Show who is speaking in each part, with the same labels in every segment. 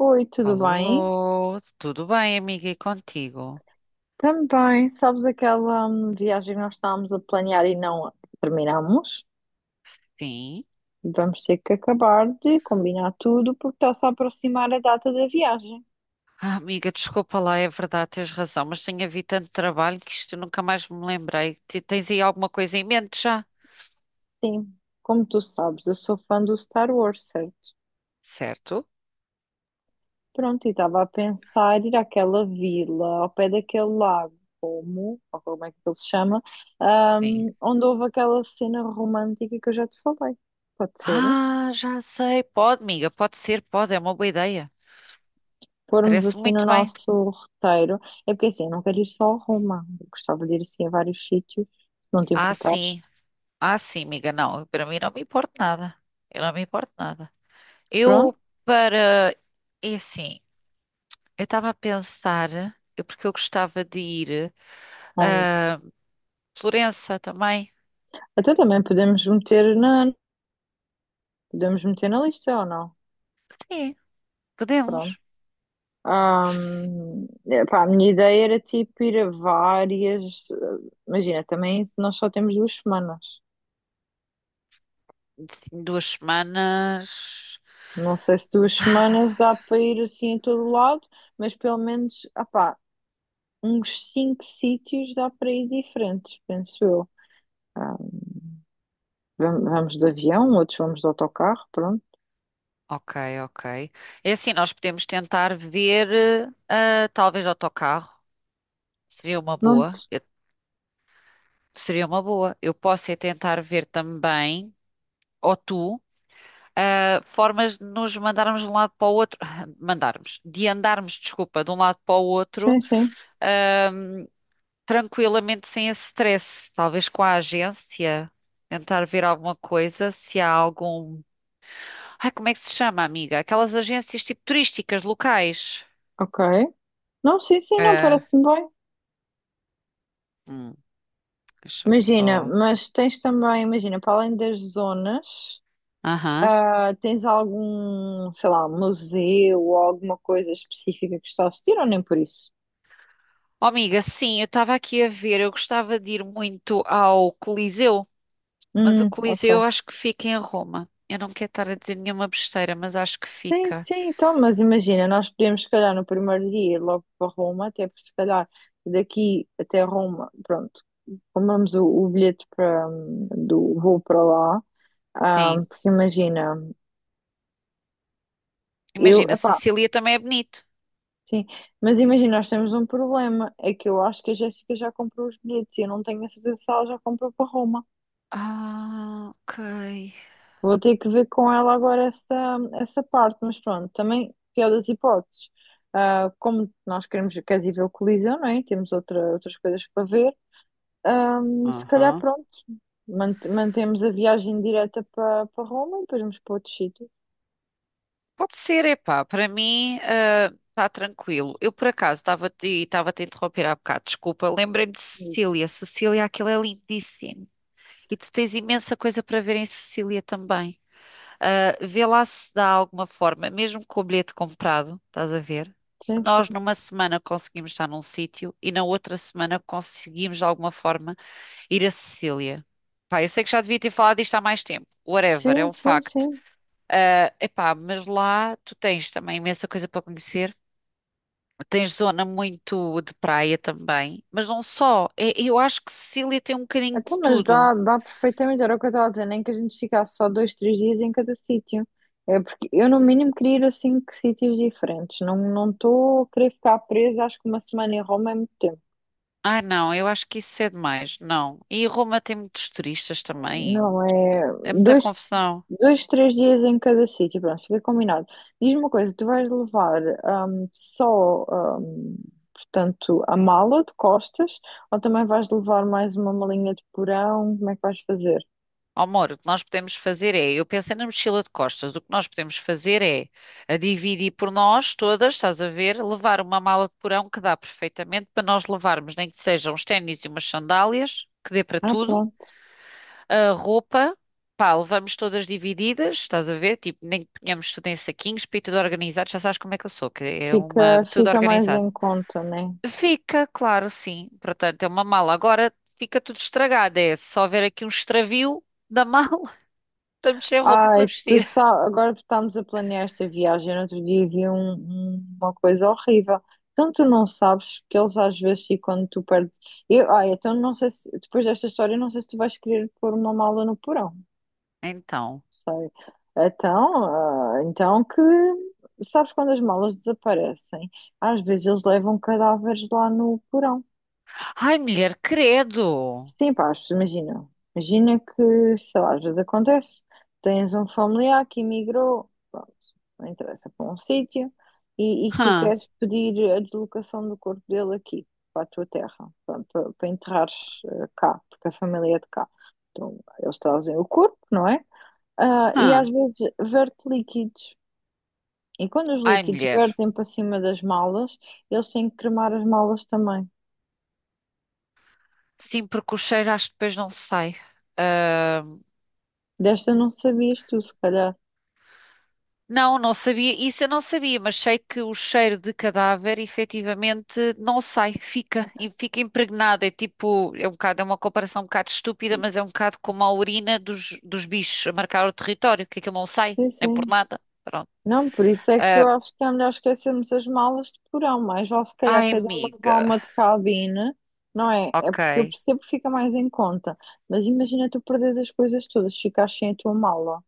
Speaker 1: Oi, tudo bem?
Speaker 2: Alô, tudo bem, amiga, e contigo?
Speaker 1: Também, sabes aquela viagem que nós estávamos a planear e não terminamos?
Speaker 2: Sim.
Speaker 1: Vamos ter que acabar de combinar tudo porque está-se a aproximar a data da viagem.
Speaker 2: Ah, amiga, desculpa lá, é verdade, tens razão, mas tenho havido tanto trabalho que isto eu nunca mais me lembrei. Tens aí alguma coisa em mente já?
Speaker 1: Sim, como tu sabes, eu sou fã do Star Wars, certo?
Speaker 2: Certo?
Speaker 1: Pronto, e estava a pensar ir àquela vila ao pé daquele lago, como, ou como é que ele se chama,
Speaker 2: Sim.
Speaker 1: onde houve aquela cena romântica que eu já te falei. Pode ser?
Speaker 2: Ah, já sei, pode, amiga, pode ser, pode, é uma boa ideia.
Speaker 1: Formos
Speaker 2: Parece
Speaker 1: assim no
Speaker 2: muito bem.
Speaker 1: nosso roteiro, é porque assim, eu não quero ir só a Roma, eu gostava de ir assim a vários sítios, se não te
Speaker 2: Ah,
Speaker 1: importares.
Speaker 2: sim, ah, sim, amiga, não, para mim não me importa nada. Eu não me importo nada.
Speaker 1: Pronto,
Speaker 2: Eu, para. É assim, eu estava a pensar, porque eu gostava de ir.
Speaker 1: onde?
Speaker 2: Ah, Florença também.
Speaker 1: Até também podemos meter na lista ou não?
Speaker 2: Sim,
Speaker 1: Pronto.
Speaker 2: podemos.
Speaker 1: Epá, a minha ideia era tipo ir a várias. Imagina, também nós só temos 2 semanas.
Speaker 2: Em duas semanas.
Speaker 1: Não sei se duas
Speaker 2: Ah,
Speaker 1: semanas dá para ir assim a todo lado, mas pelo menos, ah pá, uns 5 sítios dá para ir diferentes, penso eu. Ah, Vamos de avião, outros vamos de autocarro, pronto.
Speaker 2: ok, ok. É assim, nós podemos tentar ver, ah, talvez autocarro. Seria uma
Speaker 1: Não,
Speaker 2: boa. Seria uma boa. Eu posso é tentar ver também, ou tu, ah, formas de nos mandarmos de um lado para o outro. Mandarmos. De andarmos, desculpa, de um lado para o outro.
Speaker 1: sim, sim,
Speaker 2: Ah, tranquilamente sem esse stress, talvez com a agência, tentar ver alguma coisa, se há algum. Ai, como é que se chama, amiga? Aquelas agências tipo turísticas locais.
Speaker 1: ok. Não, sim, sim, não,
Speaker 2: É.
Speaker 1: parece-me bem.
Speaker 2: Hum, Deixa-me
Speaker 1: Imagina,
Speaker 2: só.
Speaker 1: mas tens também, imagina, para além das zonas,
Speaker 2: Aham.
Speaker 1: ah, tens algum, sei lá, museu ou alguma coisa específica que está a assistir ou nem por isso?
Speaker 2: Oh, amiga, sim, eu estava aqui a ver, eu gostava de ir muito ao Coliseu, mas o
Speaker 1: Ok.
Speaker 2: Coliseu eu acho que fica em Roma. Eu não quero estar a dizer nenhuma besteira, mas acho que
Speaker 1: Sim,
Speaker 2: fica.
Speaker 1: sim, então, mas imagina, nós podemos, se calhar, no primeiro dia ir logo para Roma, até porque, se calhar, daqui até Roma, pronto, compramos o bilhete para, do voo para lá. Ah,
Speaker 2: Sim.
Speaker 1: porque imagina, eu,
Speaker 2: Imagina,
Speaker 1: epá,
Speaker 2: Sicília também é bonito.
Speaker 1: sim, mas imagina, nós temos um problema, é que eu acho que a Jéssica já comprou os bilhetes e eu não tenho a certeza se ela já comprou para Roma.
Speaker 2: Ah, ok.
Speaker 1: Vou ter que ver com ela agora essa, essa parte, mas pronto, também, pior das hipóteses, ah, como nós queremos, queres ir ver o Coliseu, não é? Temos outra, outras coisas para ver, ah, se calhar
Speaker 2: Aham.
Speaker 1: pronto, mantemos a viagem direta para Roma e depois vamos para outro sítio.
Speaker 2: Pode ser, epá, para mim está tranquilo. Eu por acaso estava e estava a te interromper há bocado, desculpa. Lembrei-me de
Speaker 1: Isso.
Speaker 2: Sicília. Sicília, aquilo é lindíssimo. E tu tens imensa coisa para ver em Sicília também. Ah, vê lá se dá alguma forma, mesmo com o bilhete comprado, estás a ver? Se nós
Speaker 1: Sim,
Speaker 2: numa semana conseguimos estar num sítio e na outra semana conseguimos de alguma forma ir a Sicília. Pá, eu sei que já devia ter falado disto há mais tempo. Whatever, é
Speaker 1: sim,
Speaker 2: um
Speaker 1: sim, sim,
Speaker 2: facto.
Speaker 1: sim.
Speaker 2: Ah, epá, mas lá tu tens também imensa coisa para conhecer. Tens zona muito de praia também, mas não só. Eu acho que Sicília tem um bocadinho
Speaker 1: Então,
Speaker 2: de
Speaker 1: mas
Speaker 2: tudo.
Speaker 1: dá, dá perfeitamente, era o que eu estava a dizer, nem que a gente ficasse só dois, três dias em cada sítio. É porque eu, no mínimo, queria ir a 5 sítios diferentes. Não estou a querer ficar presa, acho que 1 semana em Roma é muito tempo.
Speaker 2: Ah, não, eu acho que isso é demais. Não. E Roma tem muitos turistas também.
Speaker 1: Não, é
Speaker 2: É muita
Speaker 1: dois,
Speaker 2: confusão.
Speaker 1: dois, três dias em cada sítio, pronto, fica combinado. Diz-me uma coisa, tu vais levar só, hum, portanto, a mala de costas ou também vais levar mais uma malinha de porão? Como é que vais fazer?
Speaker 2: Amor, o que nós podemos fazer é, eu pensei na mochila de costas, o que nós podemos fazer é a dividir por nós todas, estás a ver, levar uma mala de porão que dá perfeitamente para nós levarmos, nem que sejam uns ténis e umas sandálias, que dê para
Speaker 1: Ah,
Speaker 2: tudo.
Speaker 1: pronto.
Speaker 2: A roupa, pá, levamos todas divididas, estás a ver? Tipo, nem que ponhamos tudo em saquinhos, para ir tudo organizado, já sabes como é que eu sou, que é uma,
Speaker 1: Fica,
Speaker 2: tudo
Speaker 1: fica mais
Speaker 2: organizado.
Speaker 1: em conta, né?
Speaker 2: Fica, claro, sim. Portanto, é uma mala. Agora fica tudo estragado, é só ver aqui um extravio da mala, estamos sem roupa para
Speaker 1: Ai, tu
Speaker 2: vestir.
Speaker 1: sabe, agora que estamos a planear esta viagem. No outro dia vi uma coisa horrível. Então tu não sabes que eles às vezes e quando tu perdes. Eu, ai, então não sei se depois desta história não sei se tu vais querer pôr uma mala no porão.
Speaker 2: Então,
Speaker 1: Sei. Então, ah, então que sabes quando as malas desaparecem? Às vezes eles levam cadáveres lá no porão.
Speaker 2: ai, mulher, credo!
Speaker 1: Sim, pá, as imagina. Imagina que, sei lá, às vezes acontece, tens um familiar que emigrou, pronto, não interessa, para um sítio, e que tu
Speaker 2: Hã,
Speaker 1: queres pedir a deslocação do corpo dele aqui, para a tua terra, para, para, para enterrares eh, cá, porque a família é de cá. Então, eles trazem o corpo, não é? Ah, e
Speaker 2: hã.
Speaker 1: às vezes verte líquidos. E quando os
Speaker 2: Ai,
Speaker 1: líquidos
Speaker 2: mulher,
Speaker 1: vertem para cima das malas, eles têm que cremar as malas também.
Speaker 2: sim, porque o cheiro acho que depois não sai.
Speaker 1: Desta não sabias tu, se calhar.
Speaker 2: Não, não sabia, isso eu não sabia, mas sei que o cheiro de cadáver efetivamente não sai, fica, e fica impregnado. É tipo, é um bocado, é uma comparação um bocado estúpida, mas é um bocado como a urina dos bichos a marcar o território, que aquilo não sai,
Speaker 1: Sim,
Speaker 2: nem por
Speaker 1: sim.
Speaker 2: nada. Pronto.
Speaker 1: Não, por isso é que
Speaker 2: Ah,
Speaker 1: eu acho que é melhor esquecermos as malas de porão, mas vale se calhar
Speaker 2: ai,
Speaker 1: cada um levar
Speaker 2: amiga.
Speaker 1: uma de cabine, não é? É porque eu
Speaker 2: Ok.
Speaker 1: percebo que fica mais em conta, mas imagina tu perderes as coisas todas, ficares sem a tua mala.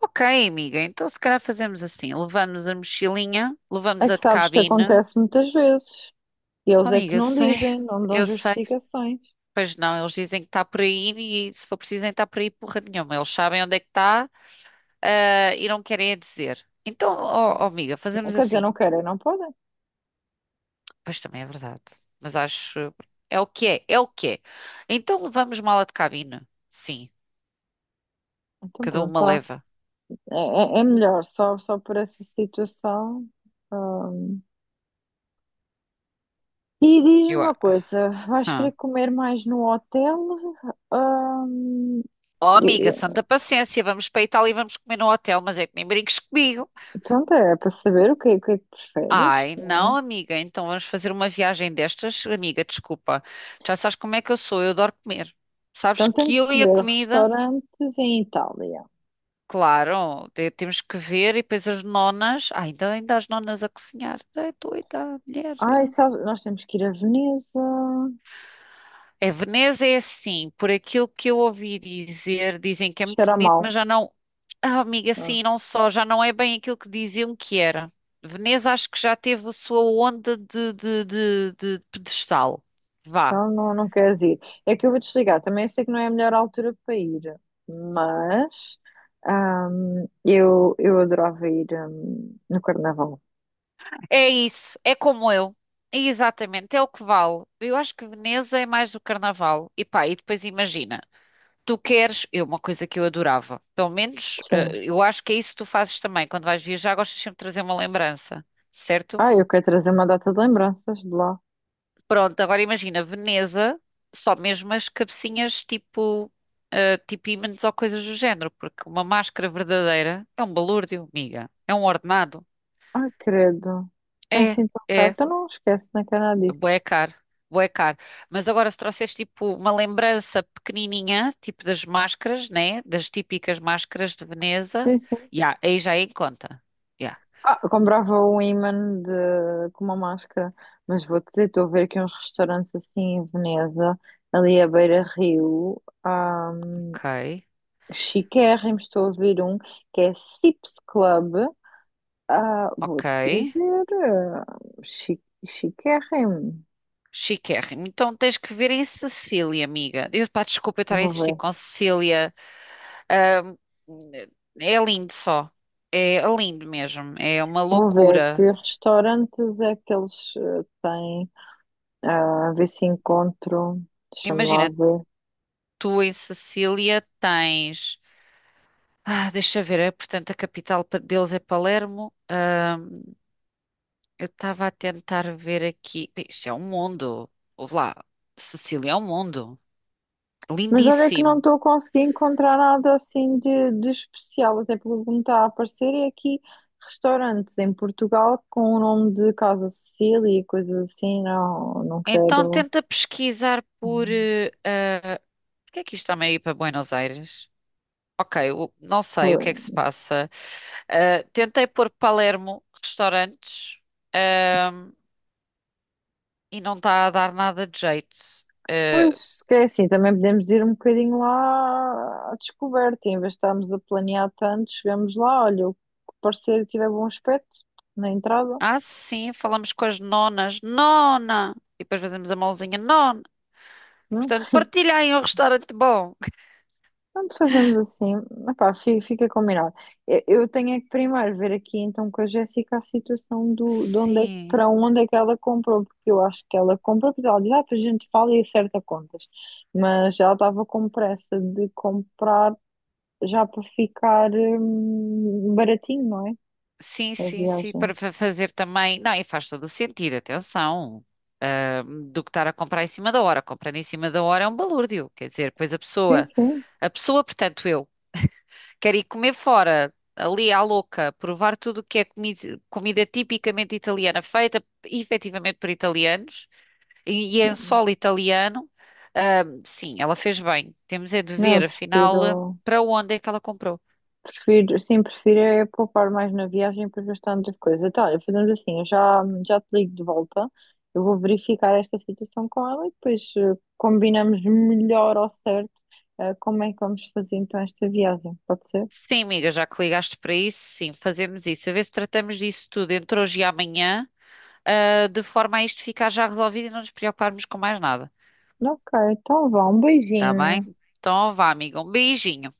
Speaker 2: Ok, amiga, então se calhar fazemos assim: levamos a mochilinha,
Speaker 1: É
Speaker 2: levamos a
Speaker 1: que
Speaker 2: de
Speaker 1: sabes que
Speaker 2: cabine.
Speaker 1: acontece muitas vezes, e
Speaker 2: Oh,
Speaker 1: eles é que
Speaker 2: amiga, eu
Speaker 1: não
Speaker 2: sei,
Speaker 1: dizem, não dão
Speaker 2: eu sei.
Speaker 1: justificações.
Speaker 2: Pois não, eles dizem que está por aí e se for preciso nem está por aí porra nenhuma. Eles sabem onde é que está, ah, e não querem é dizer. Então, ó ó, amiga, fazemos
Speaker 1: Quer dizer,
Speaker 2: assim.
Speaker 1: não querem, não podem.
Speaker 2: Pois também é verdade. Mas acho. É o que é, é o que é. Então levamos mala de cabine. Sim,
Speaker 1: Então
Speaker 2: cada
Speaker 1: pronto,
Speaker 2: uma
Speaker 1: tá.
Speaker 2: leva.
Speaker 1: É, é melhor, só, só por essa situação. Ah. E diz-me
Speaker 2: Eu... a-
Speaker 1: uma coisa, vais querer
Speaker 2: Hã.
Speaker 1: comer mais no hotel? Ah,
Speaker 2: Oh,
Speaker 1: E,
Speaker 2: amiga,
Speaker 1: e,
Speaker 2: santa paciência, vamos para a Itália e vamos comer no hotel, mas é que nem brinques comigo.
Speaker 1: pronto, é para saber o que, o que é que preferes.
Speaker 2: Ai, não, amiga, então vamos fazer uma viagem destas? Amiga, desculpa, já sabes como é que eu sou, eu adoro comer. Sabes
Speaker 1: Então
Speaker 2: que
Speaker 1: temos
Speaker 2: eu
Speaker 1: que
Speaker 2: e a
Speaker 1: ver
Speaker 2: comida,
Speaker 1: restaurantes em Itália.
Speaker 2: claro, temos que ver e depois as nonas, ai, ainda, ainda as nonas a cozinhar, é doida, mulher.
Speaker 1: Ai, sabes, nós temos que ir a Veneza.
Speaker 2: É, Veneza é assim, por aquilo que eu ouvi dizer, dizem que é muito
Speaker 1: Cheira
Speaker 2: bonito,
Speaker 1: mal.
Speaker 2: mas já não, ah, amiga,
Speaker 1: Ah,
Speaker 2: sim, não só, já não é bem aquilo que diziam que era. Veneza acho que já teve a sua onda de pedestal. Vá.
Speaker 1: então não, não queres ir. É que eu vou desligar. Também eu sei que não é a melhor altura para ir, mas eu adorava ir no Carnaval.
Speaker 2: É isso, é como eu. Exatamente, é o que vale. Eu acho que Veneza é mais o carnaval. E pá, e depois imagina, tu queres, é uma coisa que eu adorava, pelo menos
Speaker 1: Sim.
Speaker 2: eh, eu acho que é isso que tu fazes também, quando vais viajar, gostas sempre de trazer uma lembrança, certo?
Speaker 1: Ai, eu quero trazer uma data de lembranças de lá.
Speaker 2: Pronto, agora imagina, Veneza, só mesmo as cabecinhas tipo, eh, tipo ímãs ou coisas do género, porque uma máscara verdadeira é um balúrdio, amiga, é um ordenado.
Speaker 1: Ai, credo. É
Speaker 2: É,
Speaker 1: assim tão caro.
Speaker 2: é.
Speaker 1: Então não esquece, não é que é nada disso.
Speaker 2: Bué caro, bué caro. Mas agora se trouxeres tipo uma lembrança pequenininha, tipo das máscaras, né? Das típicas máscaras de Veneza,
Speaker 1: Sim, sim.
Speaker 2: já, aí já é em conta. Já,
Speaker 1: Ah, eu comprava um imã de, com uma máscara, mas vou-te dizer, estou a ver aqui uns restaurantes assim em Veneza, ali à beira-rio, um,
Speaker 2: ok,
Speaker 1: chiquérrimos, estou a ouvir um que é Sips Club, ah,
Speaker 2: ok.
Speaker 1: vou-te dizer, ah, chi, chiquérrimo,
Speaker 2: Chiquérrimo. Então tens que ver em Sicília, amiga. Eu, pá, desculpa eu estar a
Speaker 1: vou
Speaker 2: insistir
Speaker 1: ver,
Speaker 2: com Sicília. Ahm, É lindo só. É lindo mesmo. É uma
Speaker 1: vou ver
Speaker 2: loucura.
Speaker 1: que restaurantes é que eles ah, têm. Ah, a ver se encontro, deixa-me lá
Speaker 2: Imagina,
Speaker 1: ver.
Speaker 2: tu em Sicília tens. Ah, deixa ver, é, portanto, a capital deles é Palermo. Eu estava a tentar ver aqui. Bem, isto é um mundo. Ouve lá, Sicília é um mundo.
Speaker 1: Mas olha que não
Speaker 2: Lindíssimo.
Speaker 1: estou a conseguir encontrar nada assim de especial, até porque o que me está a aparecer é aqui restaurantes em Portugal com o nome de Casa Cecília e coisas assim, não, não
Speaker 2: Então
Speaker 1: quero.
Speaker 2: tenta pesquisar por. Eh, ah, por que é que isto está ir para Buenos Aires? Ok, não sei o
Speaker 1: Pois,
Speaker 2: que é que se passa. Ah, tentei pôr Palermo, restaurantes, ahm, e não está a dar nada de jeito. Ah,
Speaker 1: pois, que é assim, também podemos ir um bocadinho lá à descoberta, em vez de estarmos a planear tanto, chegamos lá, olha, o que parecer que tiver bom aspecto na entrada.
Speaker 2: ah, sim, falamos com as nonas. Nona! E depois fazemos a mãozinha. Nona! Portanto, partilhem um restaurante bom.
Speaker 1: Pronto, fazemos assim. Epá, fica combinado. Eu tenho é que primeiro ver aqui então com a Jéssica a situação do, de onde é,
Speaker 2: Sim,
Speaker 1: para onde é que ela comprou, porque eu acho que ela comprou, porque ela diz, ah, para a gente fala e acerta contas. Mas ela estava com pressa de comprar já para ficar baratinho, não é?
Speaker 2: sim,
Speaker 1: A
Speaker 2: sim, sim,
Speaker 1: viagem.
Speaker 2: para fazer também. Não, e faz todo o sentido, atenção. Ah, do que estar a comprar em cima da hora. Comprando em cima da hora é um balúrdio. Quer dizer, pois
Speaker 1: Sim, sim.
Speaker 2: a pessoa, portanto, eu, quer ir comer fora, ali à louca, provar tudo o que é comida, comida tipicamente italiana, feita efetivamente por italianos. E em solo italiano, ah, sim, ela fez bem. Temos é de
Speaker 1: Não,
Speaker 2: ver,
Speaker 1: eu
Speaker 2: afinal, eh,
Speaker 1: prefiro.
Speaker 2: para onde é que ela comprou.
Speaker 1: Prefiro, sim, prefiro é poupar mais na viagem para gastar outras coisas. Então, olha, fazemos assim, eu já, já te ligo de volta, eu vou verificar esta situação com ela e depois eh, combinamos melhor ao certo eh, como é que vamos fazer então esta viagem, pode ser?
Speaker 2: Sim, amiga, já que ligaste para isso, sim, fazemos isso. A ver se tratamos disso tudo entre hoje e amanhã, ah, de forma a isto ficar já resolvido e não nos preocuparmos com mais nada.
Speaker 1: Ok, então vá, um
Speaker 2: Está bem?
Speaker 1: beijinho.
Speaker 2: Então, vá, amiga, um beijinho.